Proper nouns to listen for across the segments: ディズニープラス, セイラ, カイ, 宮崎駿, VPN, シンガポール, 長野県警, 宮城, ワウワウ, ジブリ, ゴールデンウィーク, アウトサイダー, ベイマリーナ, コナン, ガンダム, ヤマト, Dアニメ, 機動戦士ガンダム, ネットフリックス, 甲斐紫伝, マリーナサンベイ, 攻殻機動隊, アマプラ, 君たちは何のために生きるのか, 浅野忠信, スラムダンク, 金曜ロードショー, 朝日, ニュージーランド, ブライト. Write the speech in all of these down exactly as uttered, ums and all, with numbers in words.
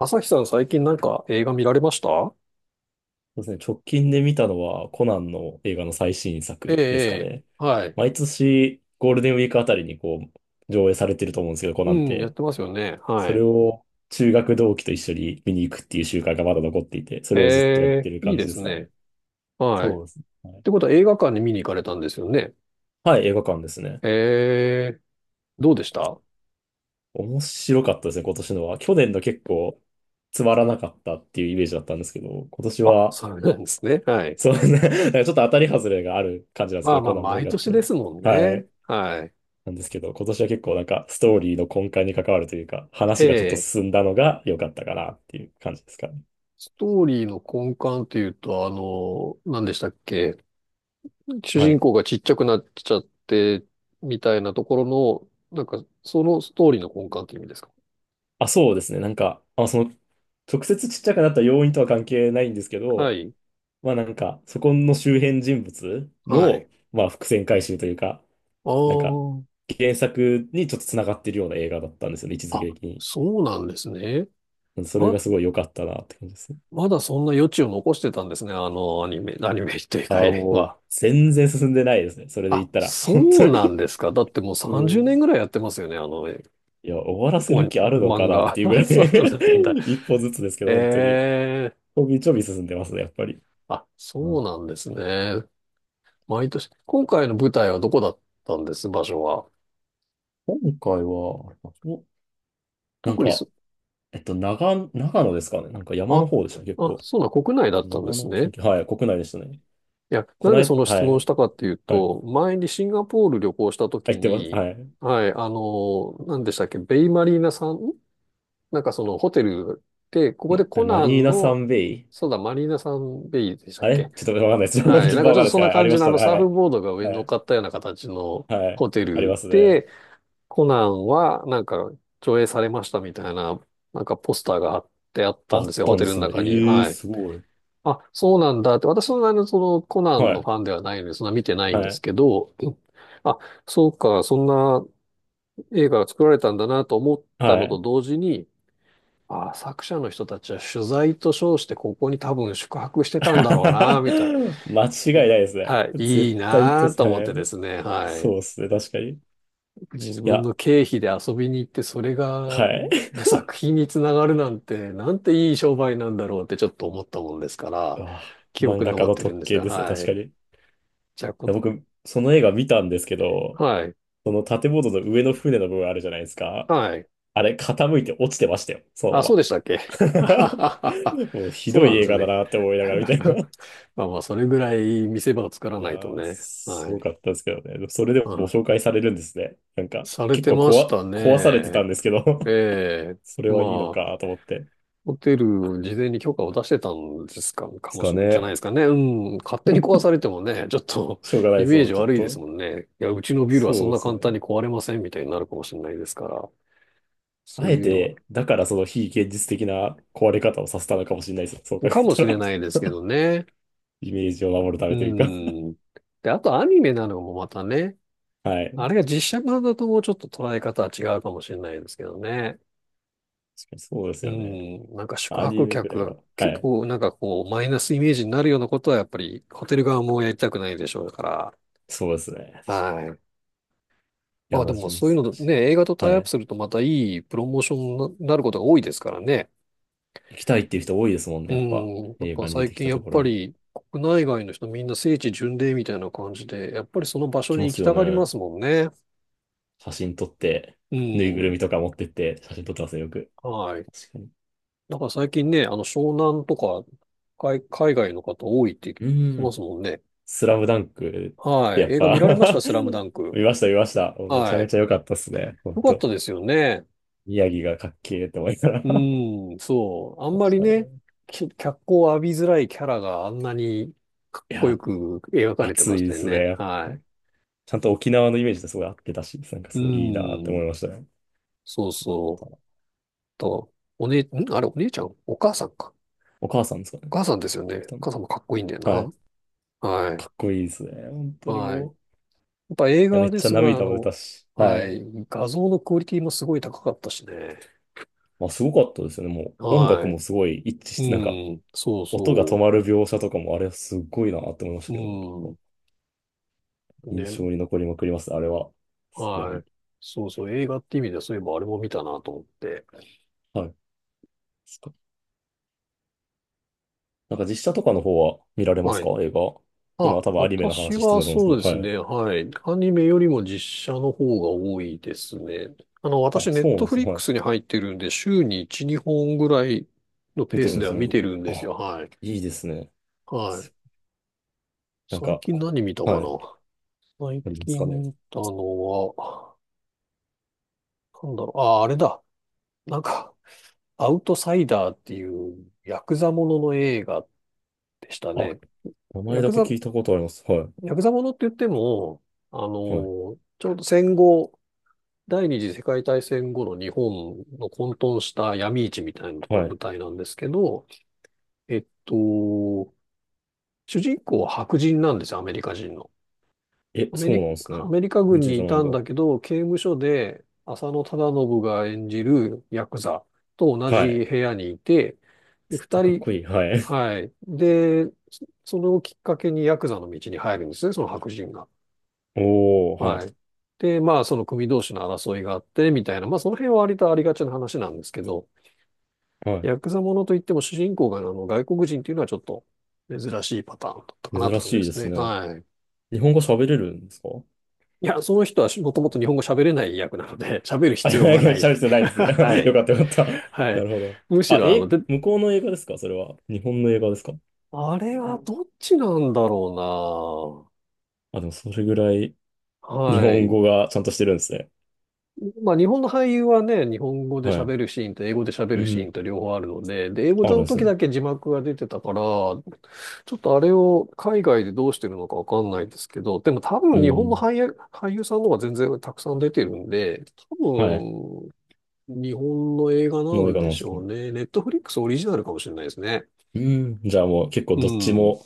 朝日さん、最近なんか映画見られました？そうですね。直近で見たのはコナンの映画の最新ええ、作ですかええ、ね。はい。毎年ゴールデンウィークあたりにこう上映されてると思うんですけど、コうナンっん、やって。てますよね。はそれい。を中学同期と一緒に見に行くっていう習慣がまだ残っていて、そえれをずっとやってえ、るいい感じでですすかね。ね。はい。っそうですね。はい、てことは映画館に見に行かれたんですよね。はい映画館ですね。ええ、どうでした？面白かったですね、今年のは。去年の結構つまらなかったっていうイメージだったんですけど、今年あ、は、そうなんですね。はい。そうね、なんかちょっと当たり外れがある感じなんですまけあど、まコあ、ナンの映毎画っ年でて。すもんはね。い。はい。なんですけど、今年は結構なんかストーリーの根幹に関わるというか、え話がちょっとえ、進んだのが良かったかなっていう感じですかね。ストーリーの根幹っていうと、あの、何でしたっけ？主は人い。公がちっちゃくなっちゃって、みたいなところの、なんか、そのストーリーの根幹っていう意味ですか？あ、そうですね。なんか、あ、その、直接ちっちゃくなった要因とは関係ないんですけはど、い。まあなんか、そこの周辺人物はい。の、まあ伏線回収というか、なんか、あ原作にちょっと繋がってるような映画だったんですよね、位置づあ、あ、け的に。そうなんですね。それま、がすごい良かったなって感じですね。まだそんな余地を残してたんですね。あの、アニメ、アニメというあ、か映もう、画。全然進んでないですね。それであ、言ったら、本そ当うに。なんですか。だってもう 30もう年ぐらいやってますよね。あの、えいや、終わらせおる気あるの漫かなっ画。ていうぐら そい、 うなんだ。一歩ずつですけど、本当に。ええ、ちょびちょび進んでますね、やっぱり。あ、うそん。うなんですね。毎年。今回の舞台はどこだったんです、場所は？今回は、お、なん特にす、か、えっと、長、長野ですかね。なんか山あ、の方でしたね、結あ、構。そうなん、国内だったんで長す野県ね。警、はい、国内でしたね。いや、こなんなでそい、の質は問をしい、たかっていうはい。と、前にシンガポール旅行した入時ってます、に、はい。はい、あの、何でしたっけ、ベイマリーナさん、なんかそのホテルで、ここでま、コえマナリーンナサの、ンベイ。そうだ、マリーナさんベイでしたっあれけ。ちょっとわかんないです。は い、な順んか番ちわょっかんなといですそんけど、なはい、あ感りまじしのあたのね。サーはフい。ボードが上に乗はっい。かったような形のはい。ホテありルますね。で、コナンはなんか上映されましたみたいな、なんかポスターが貼ってあったあんでっすよ、たホんテでルのすね。中に。ええー、はい。すごい。あ、そうなんだって、私のあの、そのコナンはのフい。ァンではないので、そんな見てないんではすい。けど、うん、あ、そうか、そんな映画が作られたんだなと思ったはのとい。同時に、あ、作者の人たちは取材と称してここに多分宿泊してたんだろうな、みた 間違いい。ないいですね。はい、いい絶対となとさ、思ってですね、はい。そうですね、確かに。い自分や、の経費で遊びに行って、それはがい。え作品につながるなんて、なんていい商売なんだろうってちょっと思ったもんですか うら、わ、記漫憶に画家残っのてる特んです権よ。ですね、は確かい。に。いじゃこ、や僕、その映画見たんですけど、はい。その建物の上の船の部分あるじゃないですか。はい。あれ、傾いて落ちてましたよ、そのまあ、そうま。でしたっけ？ もう ひそうどないんで映す画だね。なって思いながら見たい な。まあまあ、それぐらい見せ場を作らいなやいとー、ね。すはごい。かったですけどね。でもそれではも紹い。介されるんですね。なんか、され結て構まこしわ、た壊されてたね。んですけど、 ええ。それはいいのまかあ、と思って。ホテル、事前に許可を出してたんですか、かすもしかれない、じゃないね。ですかね。うん。勝手に壊されてもね、ちょっと しょうが なイい、そメーの、ジちょっ悪いですと。もんね。いや、うちのビルはそそんうでなす簡単ね。に壊れませんみたいになるかもしれないですから。そあうえいうのは。て、だからその非現実的な壊れ方をさせたのかもしれないです。そう考かえもたしれら。 ないです けどね。イメージを守るたうめというか。ん。で、あとアニメなのもまたね、はい。あ確れかが実写版だともうちょっと捉え方は違うかもしれないですけどね。にそうですうよね。ん。なんか宿アニ泊メく客らいがは。は結い。構なんかこうマイナスイメージになるようなことはやっぱりホテル側もやりたくないでしょうから。そうですね。確かはに。い。いまや、あでマもジ難そうしいうのね、い。映画とタはイアップい。するとまたいいプロモーションになることが多いですからね。行きたいっていう人多いですもんね、うやっぱ。ん。やっ映ぱ画に出最てき近たやとっころぱに。り国内外の人みんな聖地巡礼みたいな感じで、やっぱりその場行所きにま行きすよたがりまね。すもんね。写真撮って、うぬいぐるん。みとか持ってって、写真撮ってますね、よく。はい。確かに。なんから最近ね、あの、湘南とか、海、海外の方多いって聞うきーまん。すもんね。スラムダンクってはやっい。映画見ぱ。 られました、スラムダンク？見ました、見ました。もうめちゃはめい。ちゃ良かったっすね。本よかっ当。たですよね。宮城がかっけーって思いながら、 うん、そう。あん見まましりたね、ね。き脚光を浴びづらいキャラがあんなにかっいこや、よく描かれて熱ましいたでよすね、ね。やっはぱ。い。ちゃんと沖縄のイメージとすごい合ってたし、なんかうすごいいいなって思いん、ましたね。そうよかっそたう。な。と、お姉、んあれ、お姉ちゃんお母さんか？お母さんですかね。お母さんですよ来ね。たの、お母さんもかっこいいんだはい。よな。はい。かっこいいですね。本当にはい。やもう。いっぱ映や、画めっでちゃすごいあ涙も出たの、し。ははい。い、画像のクオリティもすごい高かったしね。まあ、すごかったですよね。もう音楽はもすごい一致しい。て、なんか、うん、そう音が止そまる描写とかも、あれすごいなって思いましう。たけどね。うん、印ね、象に残りまくりますね、あれは。さすがはに。い。そうそう、映画って意味ではそういえばあれも見たなと思って。はい。そっか。なんか実写とかの方は見られますはかい。映画。今あ、多分アニメの私話してたはと思うんですそうけど、ではすい。ね、はい。アニメよりも実写の方が多いですね。あの、あ、私、ネそッうなトんでフすリね。ッはクスい。に入ってるんで、週にいち、にほんぐらいの見ペーてるスんでですはね。見てるんあ、ですよ。はい。いいですね。はい。なん最か、近こ何見たかはい。な？最ありますかね。近見たのは、なんだろう、ああ、あれだ。なんか、アウトサイダーっていうヤクザものの映画でしたあ、ね。名前ヤだクけザ、聞いたことあります。はヤクザものって言っても、あの、ちい。はい。ょうど戦後、第二次世界大戦後の日本の混沌した闇市みたいなとかは舞い。台なんですけど、えっと、主人公は白人なんですよ、アメリカ人の。え、アメそうリなんですカ、ね。ア日メリカ本軍人にじゃいないんただ。んだけど、刑務所で浅野忠信が演じるヤクザと同はい。じ部屋にいて、で、絶二対かっ人、こいい。はい。はい。で、そそれをきっかけにヤクザの道に入るんですね、その白人が。おー、ははい。で、まあ、その組同士の争いがあって、みたいな、まあ、その辺は割とありがちな話なんですけど、い。はヤクザものといっても主人公があの外国人っていうのはちょっと珍しいパターンだったかい。なって珍感じでしいですすね。ね。はい。日本語喋れるんですか？いや、その人はもともと日本語喋れない役なので、喋るあ、い必要やはいやない喋るで。必要ないで す。よはい。かったよかった。はない。るほど。むしあ、ろ、あの、え、で、向こうの映画ですかそれは。日本の映画ですか？あれはどっちなんだろあ、でもそれぐらいうな。日は本い。語がちゃんとしてるんですね。まあ、日本の俳優はね、日本語ではい。喋るシーンと英語で喋うるシーん。ンと両方あるので、で、英語あるのんです時ね。だけ字幕が出てたから、ちょっとあれを海外でどうしてるのかわかんないですけど、でも多う分日本のん。俳優、俳優さんの方が全然たくさん出てるんで、多はい。日本の映画なの映ん画なでんでしすか？ょうね。ネットフリックスオリジナルかもしれないですね。うん。じゃあもう結構うどっちん。も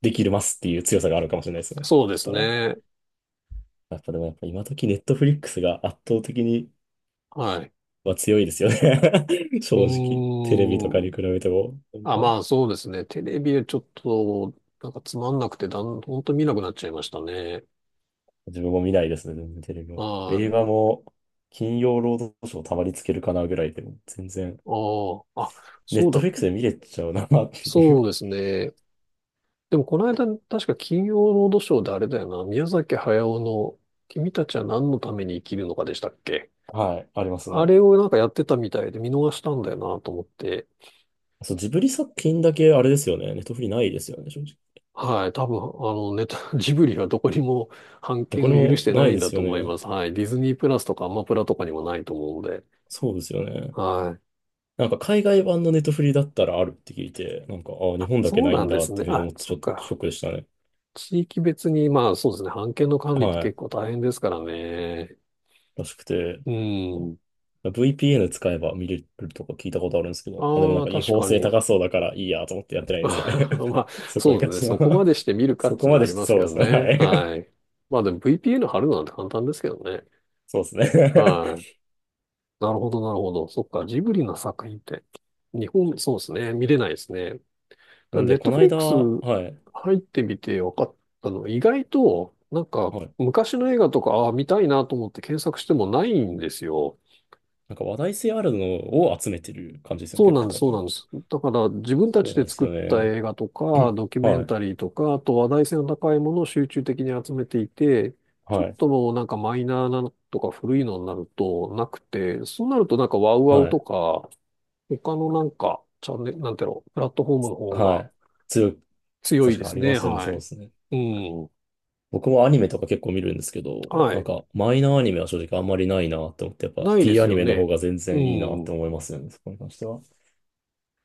できるますっていう強さがあるかもしれないですね。そうでそしすたら、ね。やっぱでもやっぱ今時ネットフリックスが圧倒的にはい。は強いですよね。 う正直。テレビとかーにん。比べても。なんあ、かまあそうですね。テレビでちょっと、なんかつまんなくて、だん、ほんと見なくなっちゃいましたね。自分も見ないですね、全然テレビは。は映い。画も、金曜ロードショーたまにつけるかなぐらいでも、全然、ああ、あ、ネそッうトだ。フリックスで見れちゃうなっていそう。 うですね。でもこの間、確か金曜ロードショーであれだよな。宮崎駿の君たちは何のために生きるのかでしたっけ？ はい、ありますあね。れをなんかやってたみたいで見逃したんだよなと思って。そう、ジブリ作品だけあれですよね。ネットフリないですよね、正直。はい、多分、あの、ネタ、ジブリはどこにも版で、こ権れを許もしてなないいんでだすとよ思いね。ます。はい。ディズニープラスとかアマプラとかにもないと思うので。そうですよね。はい。なんか海外版のネットフリだったらあるって聞いて、なんか、ああ、日あ、本だけそうないなんんでだっすね。ていうふうにあ、思ってそちっょっとシか。ョックでしたね。地域別に、まあそうですね。版権の管理っては結い。構大変ですからね。らしくて。うん。ブイピーエヌ 使えば見れるとか聞いたことあるんですけど、まあでもなあんあ、か違確法か性に。高そうだからいいやと思ってやってな いんまですよね。あ、そこそうにで関すね。してそこまは、 でして見る かっそていこうのまはあでりしてますそけうでどすね。ね。はい。はい。まあでも ブイピーエヌ 貼るなんて簡単ですけどね。そうですね。はい。なるほど、なるほど。そっか、ジブリの作品って、日本、そうですね、見れないですね。たなだんネで、ッこトのフリッ間、クスはい。入ってみて分かったのは、意外と、なんか、はい。昔の映画とか、ああ、見たいなと思って検索してもないんですよ。なんか話題性あるのを集めてる感じですよね。そう結な構んです、多そうなん分。です。だから、自分たそうちなんでです作っよたね。映画とか、ドキュメはンい。タリーとか、あと話題性の高いものを集中的に集めていて、ちょっはい。ともうなんかマイナーなのとか古いのになるとなくて、そうなるとなんかワウワウはとい。か、他のなんか、チャンネル、なんていうの、プラットフォームの方はがい。強い。強い確でかにあすりまね。すよね。そはうでい。すね。うん。僕もアニメとか結構見るんですけど、はなんい。かマイナーアニメは正直あんまりないなって思って、やっぱ ないで D すアニよメの方ね。が全う然いいなってん。思いますよね、そこに関しては。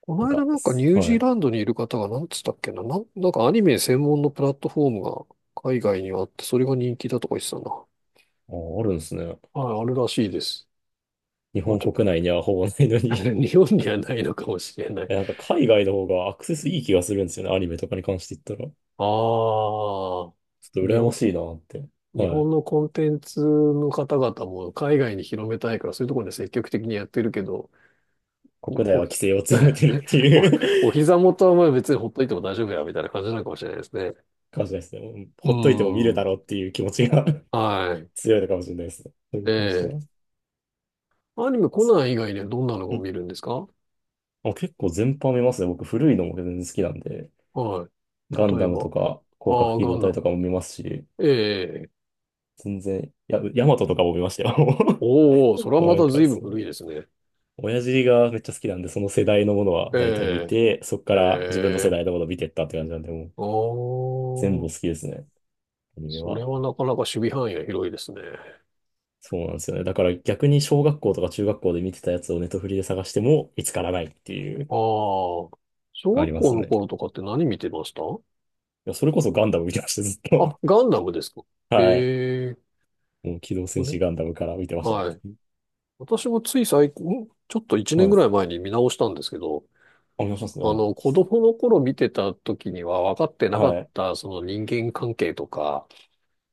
こなのん間か、なんかニすュージはーい。ランドにいる方がなんつったっけな、なん、なんかアニメ専門のプラットフォームが海外にはあって、それが人気だとか言ってたな。あ、あるんですね。はい、あるらしいです。日ま本あちょ、国内にはほぼないの に。 日本にはないのかもしれな い。え、なんか海外の方がアクセスいい気がするんですよね、アニメとかに関して言ったら。ちああ、ょっと日羨ま本、しいなって。日はい。本のコンテンツの方々も海外に広めたいから、そういうところで積極的にやってるけど、国内は規お、制を強めてるって お、いう。 お膝元はまあ別にほっといても大丈夫や、みたいな感じなのかもしれないですね。感じですね。もううほっといても見るーだん。ろうっていう気持ちが、 はい。強いのかもしれないですね。それに関してええ、は。アニメ、コナン以外でどんなのを見るんですか？あ、結構全般見ますね。僕古いのも全然好きなんで、はガい。ン例えダムとば。か、攻殻ああ、機ガ動ンダ隊とム。かも見ますし、ええ、全然、や、ヤマトとかも見ましたよ。おお、それ はまなんたか随分そ古う。いですね。親父がめっちゃ好きなんで、その世代のものは大体見えて、そこかえら自分の世ええ代のものを見てったって感じなんで、もう全お部ー。好きですね。アニメそれは。はなかなか守備範囲が広いですね。そうなんですよね。だから逆に小学校とか中学校で見てたやつをネットフリで探しても見つからないっていう、ああ、小あり学ま校すのね。頃いとかって何見てました？や、それこそガンダム見てました、ずっあ、と。ガンダムですか？ はい。ええ、もう機動ほ戦どね。士ガンダムから見てましたはい。ね。私もつい最近、んちょっといちねんはぐい。らい前に見直したんですけど、あお願いしますね。お、あの、いいっ子す、供の頃見てた時には分かってなかっはい。た、その人間関係とか、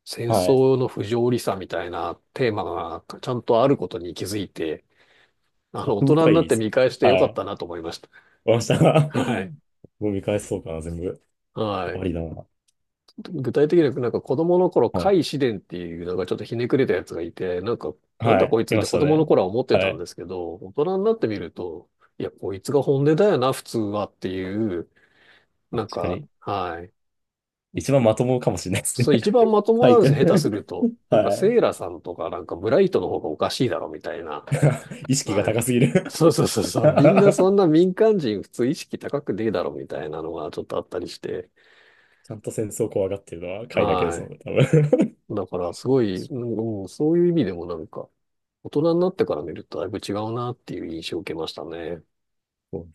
戦はい。争の不条理さみたいなテーマがちゃんとあることに気づいて、あの、大奥人深にいなっでてすよ見ね。返してよはかい。っわかたなと思いました。りました。はい。もう見返そうかな、全部。はあい。りだな。具体的にはなんか子供の頃、は甲い。斐紫伝っていうなんかちょっとひねくれたやつがいて、なんか、なんはだこい。いついっまてし子た供のね。頃は思ってはたんい。ですけど、大人になってみると、いや、こいつが本音だよな、普通はっていう、な確んかか、に。はい。一番まともかもしれないですね。そう、一番まと もカなイんですよ、君。下手すると。なんか、はセイラさんとか、なんか、ブライトの方がおかしいだろ、みたいな。い。意識がはい。高すぎる。 そうそうそうそ う。みんなそんな民間人普通意識高くねえだろ、みたいなのがちょっとあったりして。ちゃんと戦争怖がってるのはカイだけではすもんい。ね、多分。だから、すごい、う ん、うん、そういう意味でもなんか、大人になってから見るとだいぶ違うなっていう印象を受けましたね。そう